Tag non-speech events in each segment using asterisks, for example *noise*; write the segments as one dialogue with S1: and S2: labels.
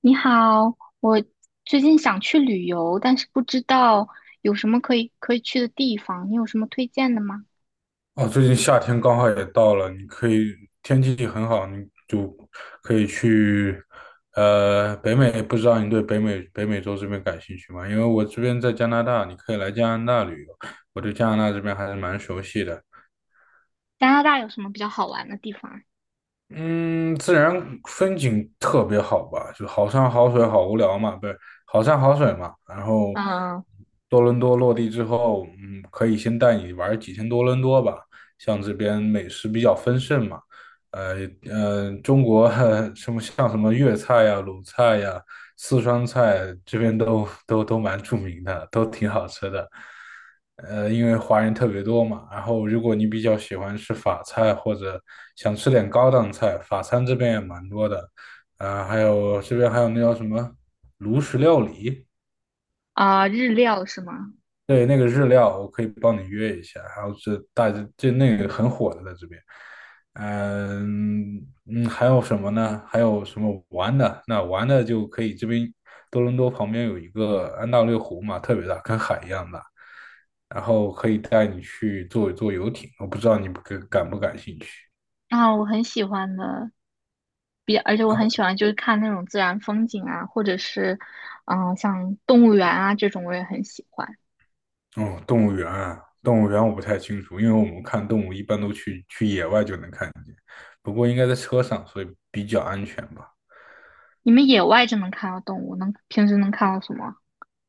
S1: 你好，我最近想去旅游，但是不知道有什么可以去的地方，你有什么推荐的吗？
S2: 哦，最近夏天刚好也到了，你可以天气很好，你就可以去北美。不知道你对北美洲这边感兴趣吗？因为我这边在加拿大，你可以来加拿大旅游。我对加拿大这边还是蛮熟悉的。
S1: 加拿大有什么比较好玩的地方
S2: 嗯，自然风景特别好吧，就好山好水好无聊嘛，不是好山好水嘛。然后
S1: 啊嗯
S2: 多伦多落地之后，可以先带你玩几天多伦多吧。像这边美食比较丰盛嘛，呃中国 *laughs* 什么像什么粤菜呀、鲁菜呀，四川菜这边都蛮著名的，都挺好吃的。因为华人特别多嘛，然后如果你比较喜欢吃法菜或者想吃点高档菜，法餐这边也蛮多的。还有这边还有那叫什么炉石料理，
S1: 啊，日料是吗？
S2: 对，那个日料我可以帮你约一下，然后是那个很火的在这边。嗯还有什么呢？还有什么玩的？那玩的就可以这边多伦多旁边有一个安大略湖嘛，特别大，跟海一样大，然后可以带你去坐坐游艇，我不知道你不感感不感兴趣。
S1: 啊，我很喜欢的，而且我
S2: 哦，
S1: 很喜欢就是看那种自然风景啊，或者是嗯、像动物园啊这种，我也很喜欢。
S2: 嗯动物园啊，动物园我不太清楚，因为我们看动物一般都去野外就能看见，不过应该在车上，所以比较安全吧。
S1: 你们野外就能看到动物，平时能看到什么？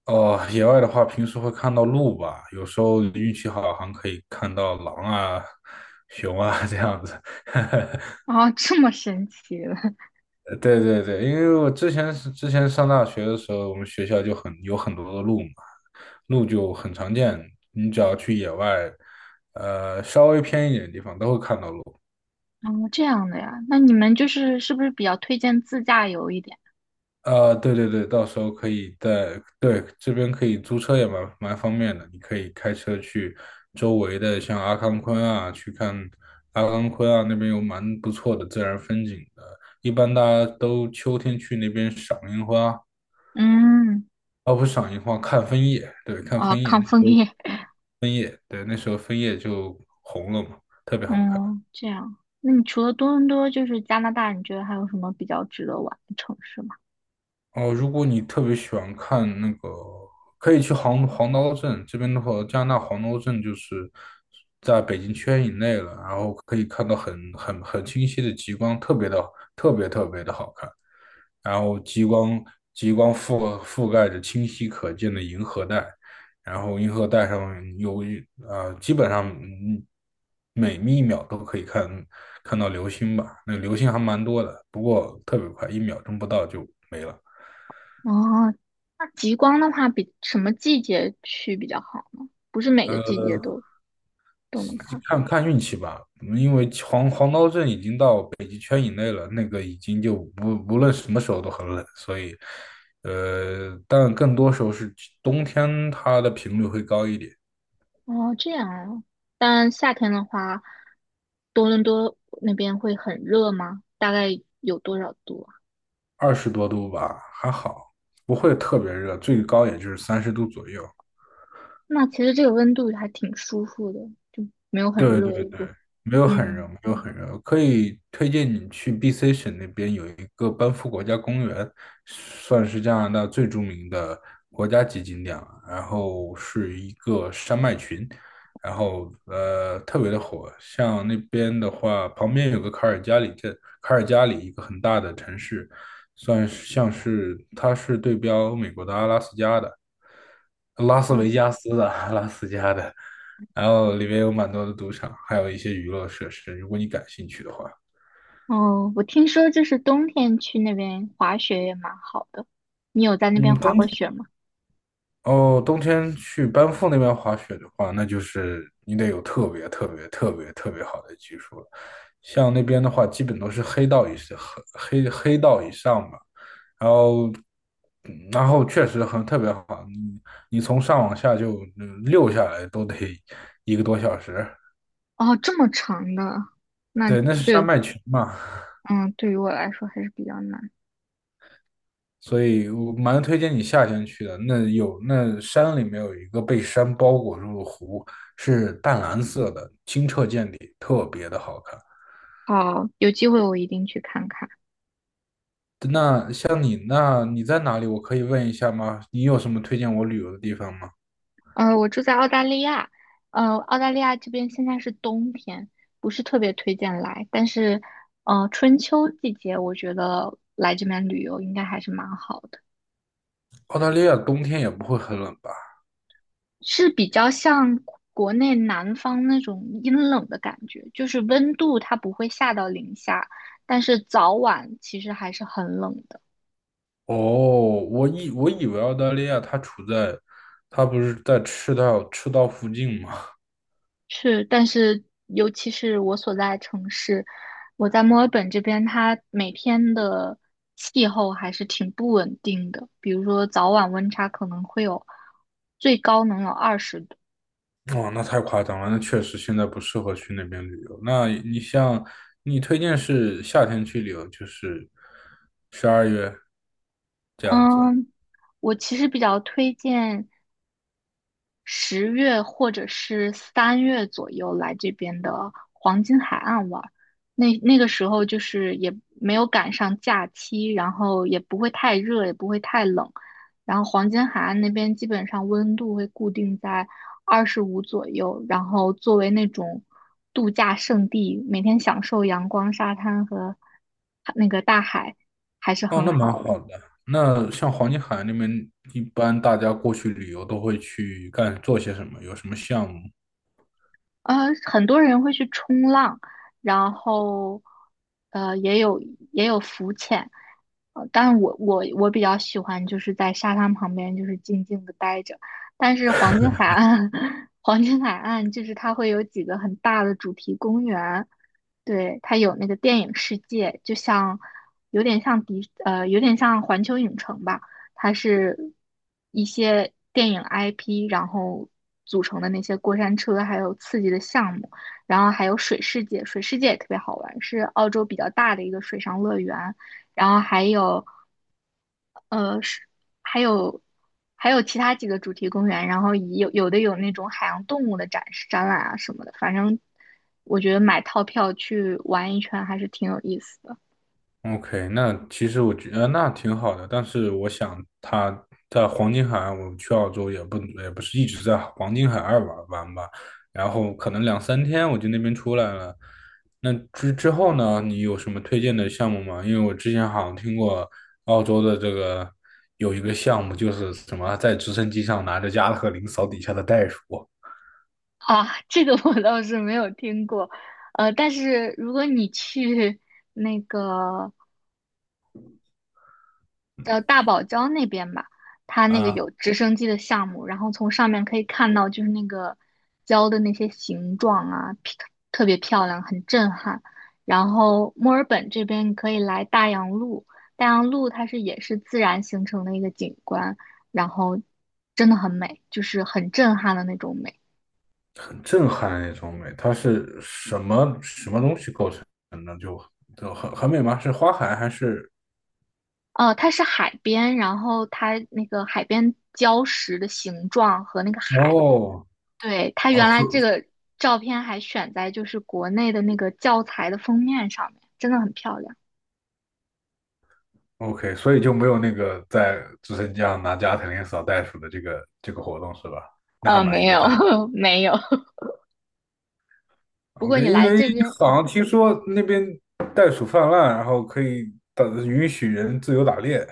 S2: 哦，野外的话，平时会看到鹿吧，有时候运气好，还可以看到狼啊、*laughs* 熊啊这样子。*laughs*
S1: *laughs* 啊，这么神奇的，
S2: 对对对，因为我之前是之前上大学的时候，我们学校就有很多的鹿嘛，鹿就很常见，你只要去野外，稍微偏一点的地方都会看到鹿。
S1: *laughs* 哦，这样的呀？那你们就是是不是比较推荐自驾游一点？
S2: 啊，对对对，到时候可以在，对，这边可以租车也蛮方便的，你可以开车去周围的像阿康昆啊，去看阿康昆啊，那边有蛮不错的自然风景的。一般大家都秋天去那边赏樱花，
S1: 嗯，
S2: 哦，不是赏樱花，看枫叶，对，看
S1: 哦，
S2: 枫叶，那
S1: 抗
S2: 时
S1: 枫
S2: 候，
S1: 叶，*laughs*
S2: 对，那时候枫叶就红了嘛，特别好看。
S1: 嗯，这样。那你除了多伦多，就是加拿大，你觉得还有什么比较值得玩的城市吗？
S2: 哦，如果你特别喜欢看那个，可以去黄刀镇这边的话，加拿大黄刀镇就是在北京圈以内了，然后可以看到很清晰的极光，特别特别的好看。然后极光覆盖着清晰可见的银河带，然后银河带上基本上每一秒都可以看到流星吧，那个流星还蛮多的，不过特别快，一秒钟不到就没了。
S1: 哦，那极光的话，比什么季节去比较好呢？不是每个季
S2: 呃，
S1: 节都能看。
S2: 看看运气吧，因为黄刀镇已经到北极圈以内了，那个已经就不无论什么时候都很冷，所以，但更多时候是冬天它的频率会高一点，
S1: 哦，这样啊。但夏天的话，多伦多那边会很热吗？大概有多少度啊？
S2: 20多度吧，还好，不会特别热，最高也就是30度左右。
S1: 那其实这个温度还挺舒服的，就没有很
S2: 对
S1: 热，
S2: 对
S1: 也
S2: 对，
S1: 不，
S2: 没有很热，
S1: 嗯。
S2: 没有很热，可以推荐你去 BC 省那边有一个班夫国家公园，算是加拿大最著名的国家级景点了。然后是一个山脉群，然后特别的火。像那边的话，旁边有个卡尔加里镇，卡尔加里一个很大的城市，算是像是它是对标美国的阿拉斯加的，拉斯
S1: 嗯
S2: 维加斯的阿拉斯加的。然后里面有蛮多的赌场，还有一些娱乐设施，如果你感兴趣的话。
S1: 哦，我听说就是冬天去那边滑雪也蛮好的。你有在那
S2: 嗯。
S1: 边滑过雪吗？
S2: 哦，冬天去班夫那边滑雪的话，那就是你得有特别特别特别特别好的技术了。像那边的话，基本都是黑道以上，黑道以上吧。然后，然后确实很特别好，你从上往下就溜下来都得一个多小时。
S1: 哦，这么长的，那
S2: 对，那是山
S1: 对，
S2: 脉群嘛。
S1: 嗯，对于我来说还是比较难。
S2: 所以我蛮推荐你夏天去的。那有那山里面有一个被山包裹住的湖，是淡蓝色的，清澈见底，特别的好看。
S1: 好，有机会我一定去看看。
S2: 那你在哪里？我可以问一下吗？你有什么推荐我旅游的地方吗？
S1: 我住在澳大利亚，澳大利亚这边现在是冬天，不是特别推荐来，但是，春秋季节我觉得来这边旅游应该还是蛮好的。
S2: 澳大利亚冬天也不会很冷吧？
S1: 是比较像国内南方那种阴冷的感觉，就是温度它不会下到零下，但是早晚其实还是很冷的。
S2: 哦，我以为澳大利亚它不是在赤道附近吗？
S1: 是，但是尤其是我所在城市，我在墨尔本这边，它每天的气候还是挺不稳定的，比如说早晚温差可能会有最高能有二十度。
S2: 哦，那太夸张了，那确实现在不适合去那边旅游。那你推荐是夏天去旅游，就是12月这样子。
S1: 嗯，我其实比较推荐十月或者是三月左右来这边的黄金海岸玩儿。那那个时候就是也没有赶上假期，然后也不会太热，也不会太冷。然后黄金海岸那边基本上温度会固定在二十五左右，然后作为那种度假胜地，每天享受阳光、沙滩和那个大海，还是
S2: 哦，
S1: 很
S2: 那蛮
S1: 好的。
S2: 好的。那像黄金海岸那边，一般大家过去旅游都会去干做些什么？有什么项目？
S1: 呃，很多人会去冲浪，然后也有浮潜，呃，但我比较喜欢就是在沙滩旁边就是静静的待着。但是黄金海岸，*laughs* 黄金海岸就是它会有几个很大的主题公园，对，它有那个电影世界，就像有点像环球影城吧。它是一些电影 IP，然后组成的那些过山车，还有刺激的项目，然后还有水世界，水世界也特别好玩，是澳洲比较大的一个水上乐园，然后还有呃是还有还有其他几个主题公园，然后以有的有那种海洋动物的展示展览啊什么的，反正我觉得买套票去玩一圈还是挺有意思的。
S2: OK，那其实我觉得那挺好的，但是我想他在黄金海岸，我去澳洲也不是一直在黄金海岸玩玩吧，然后可能两三天我就那边出来了。那之后呢，你有什么推荐的项目吗？因为我之前好像听过澳洲的这个有一个项目，就是什么在直升机上拿着加特林扫底下的袋鼠
S1: 啊，这个我倒是没有听过，呃，但是如果你去那个叫大堡礁那边吧，它那个
S2: 啊，
S1: 有直升机的项目，然后从上面可以看到就是那个礁的那些形状啊，特别漂亮，很震撼。然后墨尔本这边你可以来大洋路，大洋路它是也是自然形成的一个景观，然后真的很美，就是很震撼的那种美。
S2: 很震撼那种美。它是什么东西构成的？很美吗？是花海还是
S1: 哦，它是海边，然后它那个海边礁石的形状和那个海，
S2: 哦，
S1: 对，它
S2: 哦
S1: 原来
S2: 所
S1: 这个照片还选在就是国内的那个教材的封面上面，真的很漂亮。
S2: ，OK，所以就没有那个在直升机上拿加特林扫袋鼠的这个活动是吧？那还
S1: 没
S2: 蛮遗
S1: 有
S2: 憾的。
S1: *laughs* 没有，不过
S2: OK，
S1: 你
S2: 因
S1: 来
S2: 为
S1: 这边，
S2: 好像听说那边袋鼠泛滥，然后可以打允许人自由打猎。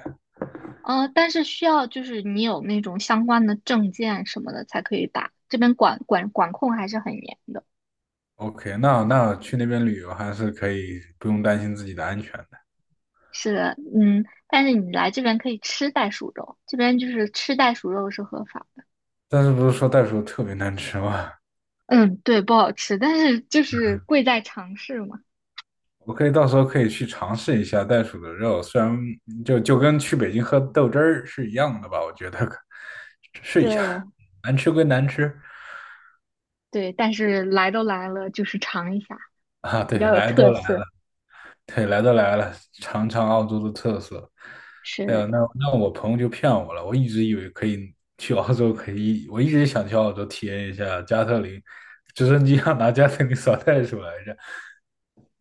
S1: 呃，但是需要就是你有那种相关的证件什么的才可以打，这边管控还是很严的。
S2: OK，那去那边旅游还是可以不用担心自己的安全的。
S1: 是的，嗯，但是你来这边可以吃袋鼠肉，这边就是吃袋鼠肉是合法。
S2: 但是不是说袋鼠特别难吃吗？
S1: 嗯，对，不好吃，但是就是贵在尝试嘛。
S2: 我可以到时候可以去尝试一下袋鼠的肉，虽然就跟去北京喝豆汁儿是一样的吧，我觉得可试
S1: 是
S2: 一下，
S1: 的
S2: 难吃归难吃
S1: 对，但是来都来了，就是尝一下，
S2: 啊，
S1: 比
S2: 对，
S1: 较有
S2: 来
S1: 特
S2: 都来
S1: 色。
S2: 了，对，来都来了，尝尝澳洲的特色。哎
S1: 是
S2: 呦，
S1: 的，
S2: 那我朋友就骗我了，我一直以为可以去澳洲，可以，我一直想去澳洲体验一下加特林，直升机上拿加特林扫袋鼠来着，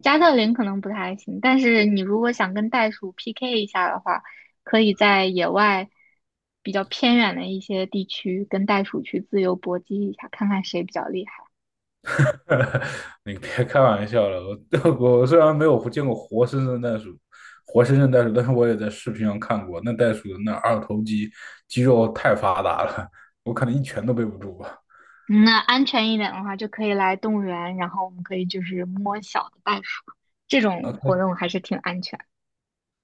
S1: 加特林可能不太行，但是你如果想跟袋鼠 PK 一下的话，可以在野外比较偏远的一些地区跟袋鼠去自由搏击一下，看看谁比较厉害。
S2: *laughs* 你别开玩笑了，我 *laughs* 我虽然没有见过活生生的袋鼠，活生生袋鼠，但是我也在视频上看过，那袋鼠的那二头肌肌肉太发达了，我可能一拳都背不住吧。
S1: 嗯那安全一点的话，就可以来动物园，然后我们可以就是摸小的袋鼠，这种
S2: OK，
S1: 活动还是挺安全。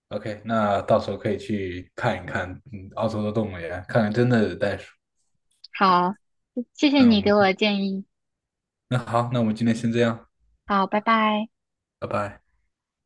S2: OK，那到时候可以去看一看，嗯，澳洲的动物园，看看真的袋鼠。
S1: 好，谢谢
S2: 那我
S1: 你给我
S2: 们
S1: 的建议。
S2: 那好，那我们今天先这样，
S1: 好，拜拜。
S2: 拜拜。